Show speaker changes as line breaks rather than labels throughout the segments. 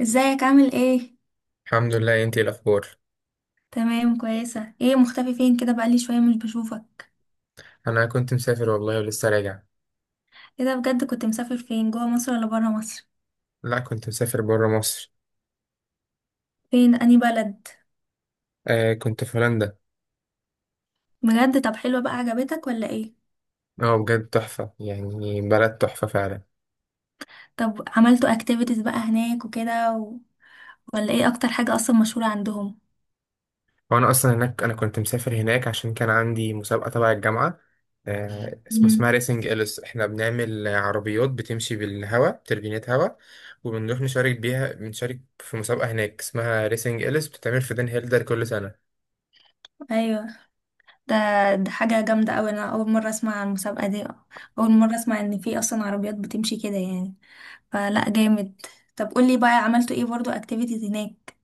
ازيك؟ عامل ايه؟
الحمد لله، انتي ايه الاخبار؟
تمام، كويسه. ايه مختفي فين كده؟ بقالي شويه مش بشوفك.
انا كنت مسافر والله ولسه راجع.
ايه ده؟ بجد كنت مسافر؟ فين، جوه مصر ولا بره مصر؟
لا، كنت مسافر بره مصر.
فين اني بلد؟
آه، كنت في هولندا.
بجد؟ طب حلوه بقى، عجبتك ولا ايه؟
اه، بجد تحفه، يعني بلد تحفه فعلا.
طب عملتوا اكتيفيتيز بقى هناك وكده ولا ايه اكتر حاجه اصلا مشهوره عندهم؟
وانا اصلا هناك، انا كنت مسافر هناك عشان كان عندي مسابقه تبع الجامعه. اسمها
مم.
ريسنج اليس. احنا بنعمل عربيات بتمشي بالهواء، تربينات هواء. وبنروح نشارك بيها بنشارك في مسابقه هناك اسمها ريسنج اليس، بتتعمل في دن هيلدر كل سنه.
ايوه. ده ده حاجه جامده قوي. انا اول مره اسمع عن المسابقه دي. اول مره اسمع ان في اصلا عربيات بتمشي كده يعني. فلا جامد. طب قولي بقى، عملتوا ايه برضو اكتيفيتيز هناك؟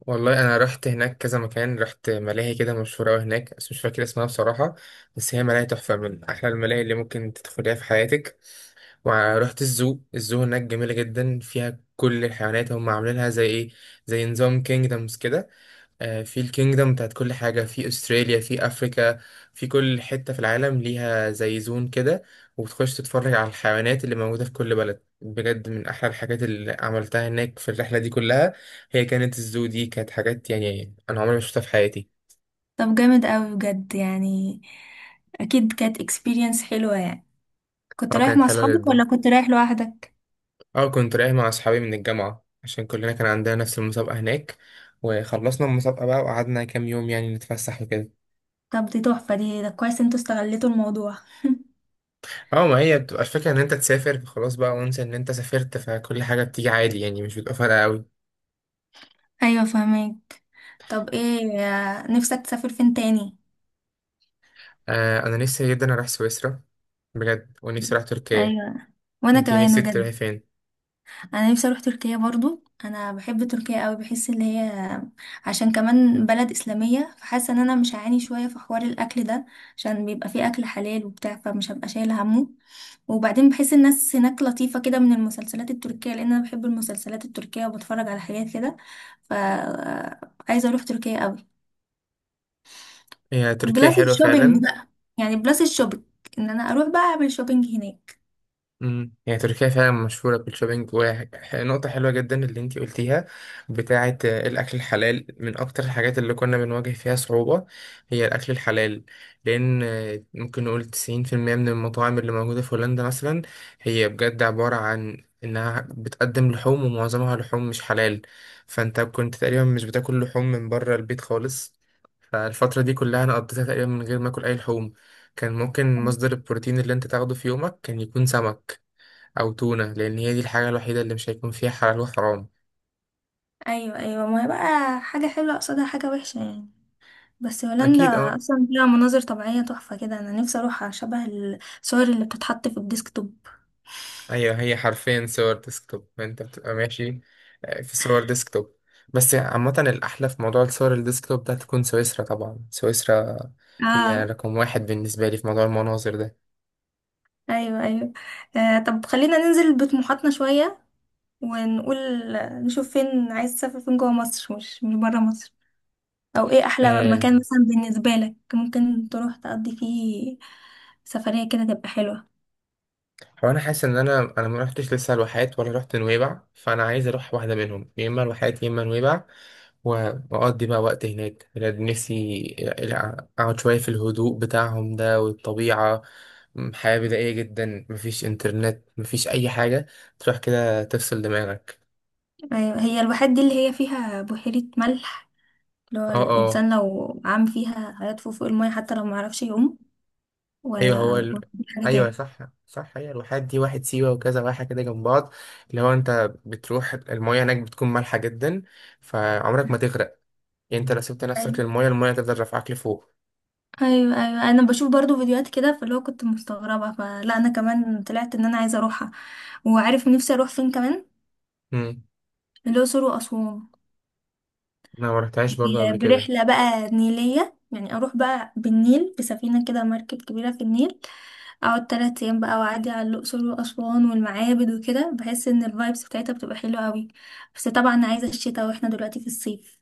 والله انا رحت هناك كذا مكان، رحت ملاهي كده مشهوره قوي هناك بس مش فاكر اسمها بصراحه. بس هي ملاهي تحفه، من احلى الملاهي اللي ممكن تدخليها في حياتك. ورحت الزو. هناك جميله جدا، فيها كل الحيوانات. هم عاملينها زي ايه، زي نظام كينجدمز كده. في الكينجدم بتاعت كل حاجة، في أستراليا، في أفريكا. في كل حتة في العالم ليها زي زون كده. وبتخش تتفرج على الحيوانات اللي موجودة في كل بلد، بجد من أحلى الحاجات اللي عملتها هناك في الرحلة دي كلها. هي كانت الزو دي كانت حاجات يعني أنا عمري ما شفتها في حياتي.
طب جامد قوي بجد يعني. اكيد كانت اكسبيرينس حلوة يعني. كنت
أه،
رايح
كانت
مع
حلوة
اصحابك
جدا.
ولا كنت رايح لوحدك؟
أه، كنت رايح مع أصحابي من الجامعة عشان كلنا كان عندنا نفس المسابقة هناك. وخلصنا المسابقة بقى وقعدنا كام يوم يعني نتفسح وكده.
طب دي تحفة، دي ده كويس انتوا استغلتوا الموضوع.
اه، ما هي بتبقى الفكرة ان انت تسافر خلاص بقى وانسى ان انت سافرت، فكل حاجة بتيجي عادي يعني مش بتبقى فارقة قوي.
ايوه فهمك. طب ايه، نفسك تسافر فين تاني؟
آه، انا نفسي جدا اروح سويسرا. بجد، ونفسي اروح تركيا.
ايوه، وانا
انتي
كمان
نفسك
بجد.
تروحي فين؟
انا نفسي اروح تركيا برضو، انا بحب تركيا قوي، بحس ان هي عشان كمان بلد اسلاميه، فحاسه ان انا مش هعاني شويه في حوار الاكل ده، عشان بيبقى فيه اكل حلال وبتاع، فمش هبقى شايله همه. وبعدين بحس الناس هناك لطيفة كده من المسلسلات التركية، لأن أنا بحب المسلسلات التركية وبتفرج على حاجات كده. ف، عايزة أروح تركيا قوي.
هي تركيا
بلس
حلوة
الشوبينج
فعلا.
بقى، يعني بلس الشوبينج، إن أنا أروح بقى أعمل شوبينج هناك.
يعني تركيا فعلا مشهورة بالشوبينج. ونقطة حلوة جدا اللي انتي قلتيها، بتاعة الأكل الحلال. من أكتر الحاجات اللي كنا بنواجه فيها صعوبة هي الأكل الحلال. لأن ممكن نقول 90% من المطاعم اللي موجودة في هولندا مثلا هي بجد عبارة عن إنها بتقدم لحوم، ومعظمها لحوم مش حلال. فأنت كنت تقريبا مش بتاكل لحوم من بره البيت خالص. فالفترة دي كلها أنا قضيتها تقريبا من غير ما أكل أي لحوم. كان ممكن مصدر البروتين اللي أنت تاخده في يومك كان يكون سمك أو تونة، لأن هي دي الحاجة الوحيدة اللي مش هيكون فيها حلال وحرام.
أيوة، أيوة، ما هي بقى حاجة حلوة قصادها حاجة وحشة يعني، بس هولندا
أكيد، أه.
أصلا فيها مناظر طبيعية تحفة كده، أنا نفسي أروح شبه الصور اللي بتتحط في الديسكتوب.
أيوة هي حرفيا صور ديسكتوب، أنت بتبقى ماشي. في صور ديسكتوب. بس عامة الأحلى في موضوع الصور الديسكتوب ده تكون سويسرا، طبعا سويسرا هي
اه.
رقم واحد بالنسبة لي في موضوع المناظر ده.
أيوة، أيوة. آه، طب خلينا ننزل بطموحاتنا شوية ونقول، نشوف فين عايز تسافر، فين جوه مصر، مش بره مصر، او ايه احلى
آه،
مكان مثلا بالنسبه لك ممكن تروح تقضي فيه سفريه كده تبقى حلوه؟
هو أنا حاسس إن أنا ما رحتش لسه الواحات ولا رحت نويبع، فأنا عايز أروح واحدة منهم، يا إما الواحات يا إما نويبع. وأقضي بقى وقت هناك، بجد نفسي أقعد شوية في الهدوء بتاعهم ده والطبيعة. حياة بدائية جدا، مفيش إنترنت، مفيش أي حاجة. تروح كده تفصل دماغك.
أيوة، هي الواحات دي اللي هي فيها بحيره ملح، اللي هو
اه، اه،
الانسان لو عام فيها هيطفو فوق الميه حتى لو معرفش يعوم؟
أيوه.
ولا ولا دي حاجه
أيوه
تاني؟
صح. صح، هي الواحات دي واحد سيوة وكذا واحة كده جنب بعض، اللي هو أنت بتروح المياه هناك بتكون مالحة جدا، فعمرك ما تغرق. يعني أنت لو سبت نفسك
ايوه،
للمياه، المياه تفضل رافعاك لفوق.
ايوه، أيوة. انا بشوف برضو فيديوهات كده فاللي هو كنت مستغربه، فلا انا كمان طلعت ان انا عايزه اروحها. وعارف نفسي اروح فين كمان؟
مم.
الاقصر واسوان،
أنا ما رحتهاش برضه قبل كده.
برحلة بقى نيلية، يعني أروح بقى بالنيل بسفينة كده، مركب كبيرة في النيل، أقعد 3 أيام بقى وأعدي على الأقصر وأسوان والمعابد وكده. بحس إن الفايبس بتاعتها بتبقى حلوة أوي، بس طبعا عايزة الشتاء وإحنا دلوقتي في الصيف.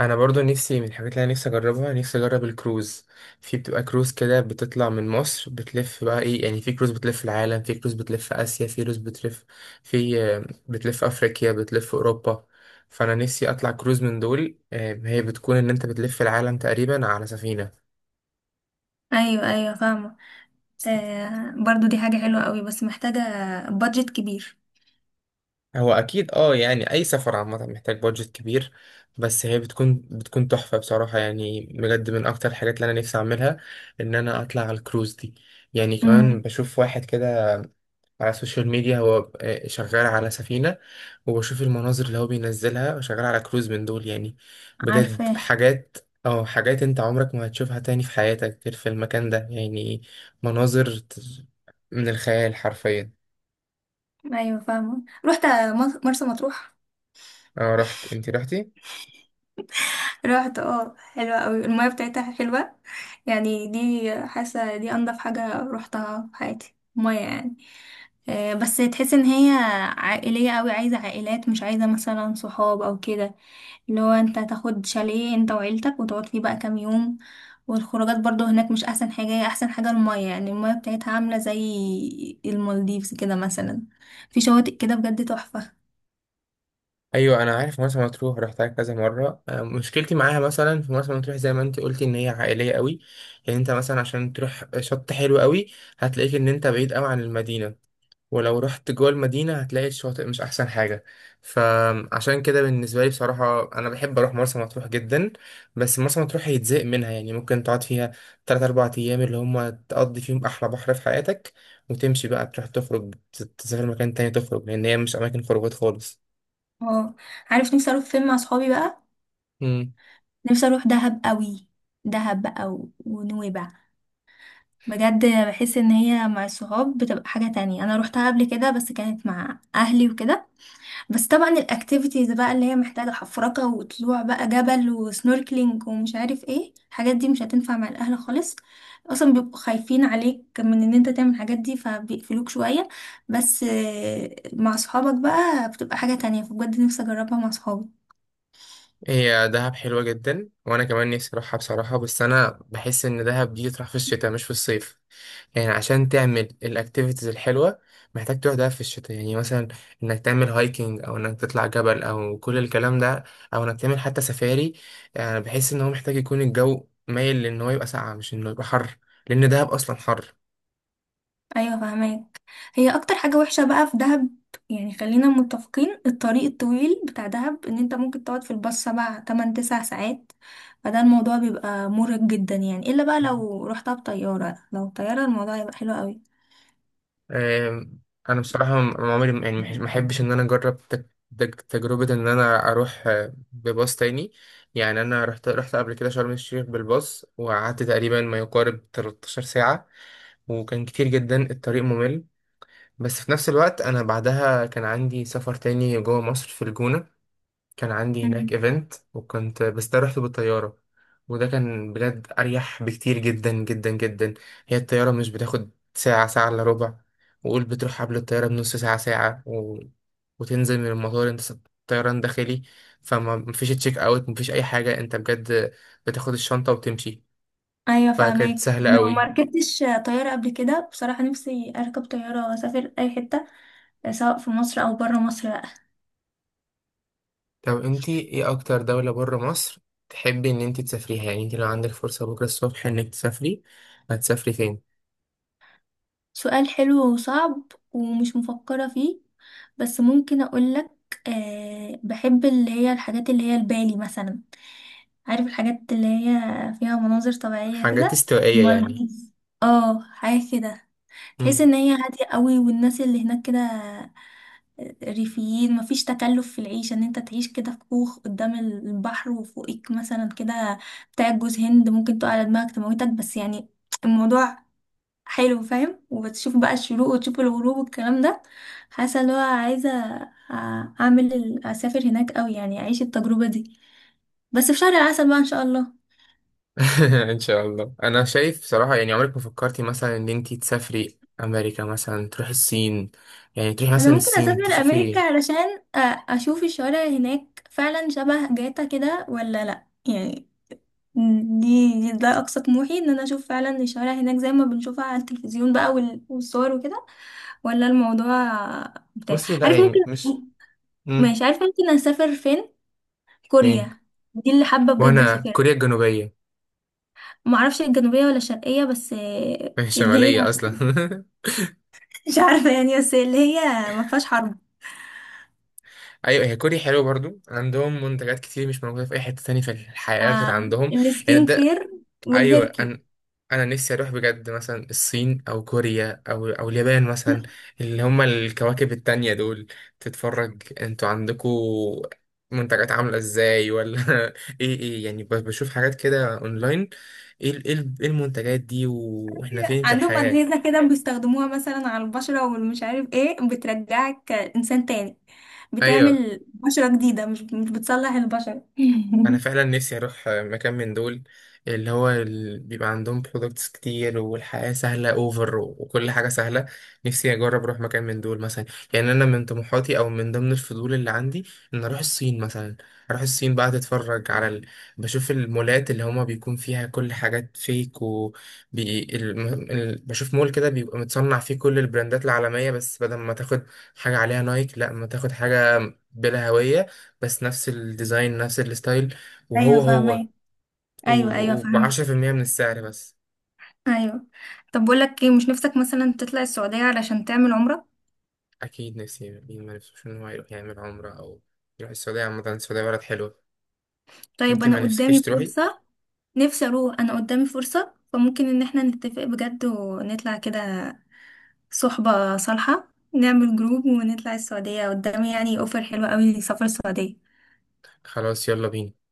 انا برضو نفسي، من الحاجات اللي انا نفسي اجربها، نفسي اجرب الكروز. في بتبقى كروز كده بتطلع من مصر بتلف بقى ايه يعني، في كروز بتلف العالم، في كروز بتلف اسيا، في كروز بتلف، في بتلف افريقيا، بتلف اوروبا. فانا نفسي اطلع كروز من دول. هي بتكون ان انت بتلف العالم تقريبا على سفينة.
أيوة أيوة فاهمة. آه، برضو دي حاجة حلوة أوي، بس محتاجة بادجت كبير.
هو اكيد، اه، يعني اي سفر عامه محتاج بادجت كبير. بس هي بتكون تحفه بصراحه، يعني بجد من اكتر الحاجات اللي انا نفسي اعملها ان انا اطلع على الكروز دي. يعني كمان
امم.
بشوف واحد كده على السوشيال ميديا هو شغال على سفينه، وبشوف المناظر اللي هو بينزلها شغال على كروز من دول، يعني بجد
عارفاه.
حاجات. اه، حاجات انت عمرك ما هتشوفها تاني في حياتك غير في المكان ده يعني، مناظر من الخيال حرفيا.
أيوة فاهمة، رحت مرسى مطروح.
اه، رحت. انت رحتي؟
رحت، اه، حلوة قوي، المية بتاعتها حلوة يعني، دي حاسة دي انضف حاجة روحتها في حياتي مية يعني. بس تحس ان هي عائلية قوي، عايزة عائلات، مش عايزة مثلا صحاب او كده، اللي هو انت تاخد شاليه انت وعيلتك وتقعد فيه بقى كام يوم. والخروجات برضو هناك مش احسن حاجة، هي احسن حاجة المية يعني، المية بتاعتها عاملة زي المالديفز كده مثلا، في شواطئ كده بجد تحفة.
ايوه انا عارف مرسى مطروح، رحتها كذا مره. مشكلتي معاها مثلا في مرسى مطروح، زي ما انت قلتي، ان هي عائليه قوي. يعني انت مثلا عشان تروح شط حلو قوي هتلاقيك ان انت بعيد قوي عن المدينه، ولو رحت جوه المدينه هتلاقي الشاطئ مش احسن حاجه. فعشان كده بالنسبه لي بصراحه، انا بحب اروح مرسى مطروح جدا، بس مرسى مطروح هيتزهق منها. يعني ممكن تقعد فيها 3-4 ايام اللي هم تقضي فيهم احلى بحر في حياتك، وتمشي بقى تروح تخرج، تسافر مكان تاني تخرج، لان هي مش اماكن خروجات خالص.
اه. عارف نفسي اروح فين مع صحابي بقى؟
مم.
نفسي اروح دهب قوي. دهب بقى ونويبع، بجد بحس ان هي مع الصحاب بتبقى حاجة تانية. انا روحتها قبل كده بس كانت مع اهلي وكده، بس طبعا الاكتيفيتيز بقى اللي هي محتاجة حفركة وطلوع بقى جبل وسنوركلينج ومش عارف ايه الحاجات دي مش هتنفع مع الاهل خالص، اصلا بيبقوا خايفين عليك من ان انت تعمل الحاجات دي فبيقفلوك شوية. بس مع صحابك بقى بتبقى حاجة تانية، فبجد نفسي اجربها مع صحابي.
هي دهب حلوة جدا وأنا كمان نفسي أروحها بصراحة، بس أنا بحس إن دهب دي تروح في الشتاء مش في الصيف. يعني عشان تعمل الأكتيفيتيز الحلوة محتاج تروح دهب في الشتاء، يعني مثلا إنك تعمل هايكنج أو إنك تطلع جبل أو كل الكلام ده، أو إنك تعمل حتى سفاري. يعني بحس إن هو محتاج يكون الجو مايل لإن هو يبقى ساقعة مش إنه يبقى حر، لأن دهب أصلا حر.
ايوه فهماك. هي اكتر حاجه وحشه بقى في دهب، يعني خلينا متفقين، الطريق الطويل بتاع دهب، ان انت ممكن تقعد في الباص 7 8 9 ساعات، فده الموضوع بيبقى مرهق جدا يعني، الا بقى لو رحتها بطياره، لو طياره الموضوع هيبقى حلو قوي.
آم، انا بصراحه عمري يعني ما احبش ان انا اجرب تجربه ان انا اروح بباص تاني. يعني انا رحت قبل كده شرم الشيخ بالباص، وقعدت تقريبا ما يقارب 13 ساعه، وكان كتير جدا، الطريق ممل. بس في نفس الوقت انا بعدها كان عندي سفر تاني جوه مصر في الجونه، كان عندي هناك
مم.
ايفنت، وكنت بس ده رحت بالطيارة. وده كان بجد أريح بكتير جدا جدا جدا. هي الطيارة مش بتاخد ساعة، ساعة إلا ربع. وقول بتروح قبل الطيارة بنص ساعة، ساعة، وتنزل من المطار، انت طيران داخلي. فما مفيش تشيك اوت، مفيش أي حاجة، انت بجد بتاخد الشنطة وتمشي.
ايوه
فكانت
فهماك.
سهلة
لو ما
قوي.
ركبتش طياره قبل كده بصراحه، نفسي اركب طياره واسافر اي حته سواء في مصر او بره مصر.
طب انتي ايه أكتر دولة بره مصر تحبي إن انتي تسافريها؟ يعني انتي لو عندك فرصة بكرة الصبح إنك تسافري، هتسافري فين؟
سؤال حلو وصعب، ومش مفكرة فيه، بس ممكن أقولك. أه، بحب اللي هي الحاجات اللي هي البالي مثلا، عارف الحاجات اللي هي فيها مناظر طبيعية
حاجات
كده؟
استوائية يعني.
المالديف، اه، حاجة كده تحس
مم.
ان هي هادية قوي، والناس اللي هناك كده ريفيين، مفيش تكلف في العيشة، ان انت تعيش كده في كوخ قدام البحر، وفوقك مثلا كده بتاع جوز هند ممكن تقع على دماغك تموتك، بس يعني الموضوع حلو فاهم، وبتشوف بقى الشروق وتشوف الغروب والكلام ده. حاسه اللي هو عايزه اسافر هناك قوي يعني، اعيش التجربه دي بس في شهر العسل بقى ان شاء الله.
ان شاء الله. انا شايف صراحه، يعني عمرك ما فكرتي مثلا ان انتي تسافري امريكا مثلا، تروحي الصين؟ يعني تروحي
انا
مثلا
ممكن
الصين
اسافر امريكا
تشوفي.
علشان اشوف الشوارع هناك فعلا شبه جاتا كده ولا لا يعني، ده اقصى طموحي، ان انا اشوف فعلا الشوارع هناك زي ما بنشوفها على التلفزيون بقى والصور وكده، ولا الموضوع بتاع،
بصي،
عارف؟
لا
ممكن،
يعني مش. مم.
مش عارف ممكن اسافر فين.
فين؟
كوريا، دي اللي حابة بجد
وانا
اسافرها.
كوريا الجنوبيه.
ما اعرفش الجنوبية ولا الشرقية، بس اللي هي
الشماليه اصلا
مش عارفة يعني، بس اللي هي ما فيهاش حرب.
ايوه هي كوريا حلوه برضو، عندهم منتجات كتير مش موجوده في اي حته تانية في الحياه غير
آه،
عندهم. يعني
السكين
ده.
كير
ايوه،
والهير كير.
انا نفسي اروح بجد مثلا الصين او كوريا او اليابان مثلا، اللي هما الكواكب التانية دول. تتفرج انتوا عندكوا منتجات عاملة ازاي ولا ايه، ايه، يعني بشوف حاجات كده اونلاين. إيه المنتجات دي واحنا فين في
عندهم
الحياة؟
أجهزة كده بيستخدموها مثلا على البشرة والمش عارف ايه، بترجعك إنسان تاني،
ايوه
بتعمل بشرة جديدة، مش بتصلح البشرة
انا فعلا نفسي اروح مكان من دول اللي هو بيبقى عندهم برودكتس كتير والحياة سهلة اوفر وكل حاجة سهلة. نفسي اجرب اروح مكان من دول مثلا. يعني انا من طموحاتي او من ضمن الفضول اللي عندي ان اروح الصين مثلا. اروح الصين بقى اتفرج على بشوف المولات اللي هما بيكون فيها كل حاجات فيك، و بشوف مول كده بيبقى متصنع فيه كل البراندات العالمية، بس بدل ما تاخد حاجة عليها نايك، لا ما تاخد حاجة بلا هوية، بس نفس الديزاين نفس الستايل، وهو
أيوة
هو.
فاهمة. أيوة أيوة فاهمة.
وبعشرة في المية من السعر بس.
أيوة. طب بقولك ايه، مش نفسك مثلا تطلع السعودية علشان تعمل عمرة؟
أكيد نفسي، مين ما نفسوش إن هو يروح يعمل عمرة أو يروح السعودية، عامة السعودية بلد حلوة.
طيب،
أنت
انا
ما نفسكيش
قدامي
تروحي.
فرصة. نفسي اروح، انا قدامي فرصة، فممكن ان احنا نتفق بجد ونطلع كده صحبة صالحة، نعمل جروب ونطلع السعودية، قدامي يعني اوفر حلوة قوي لسفر السعودية.
خلاص، يلا بينا.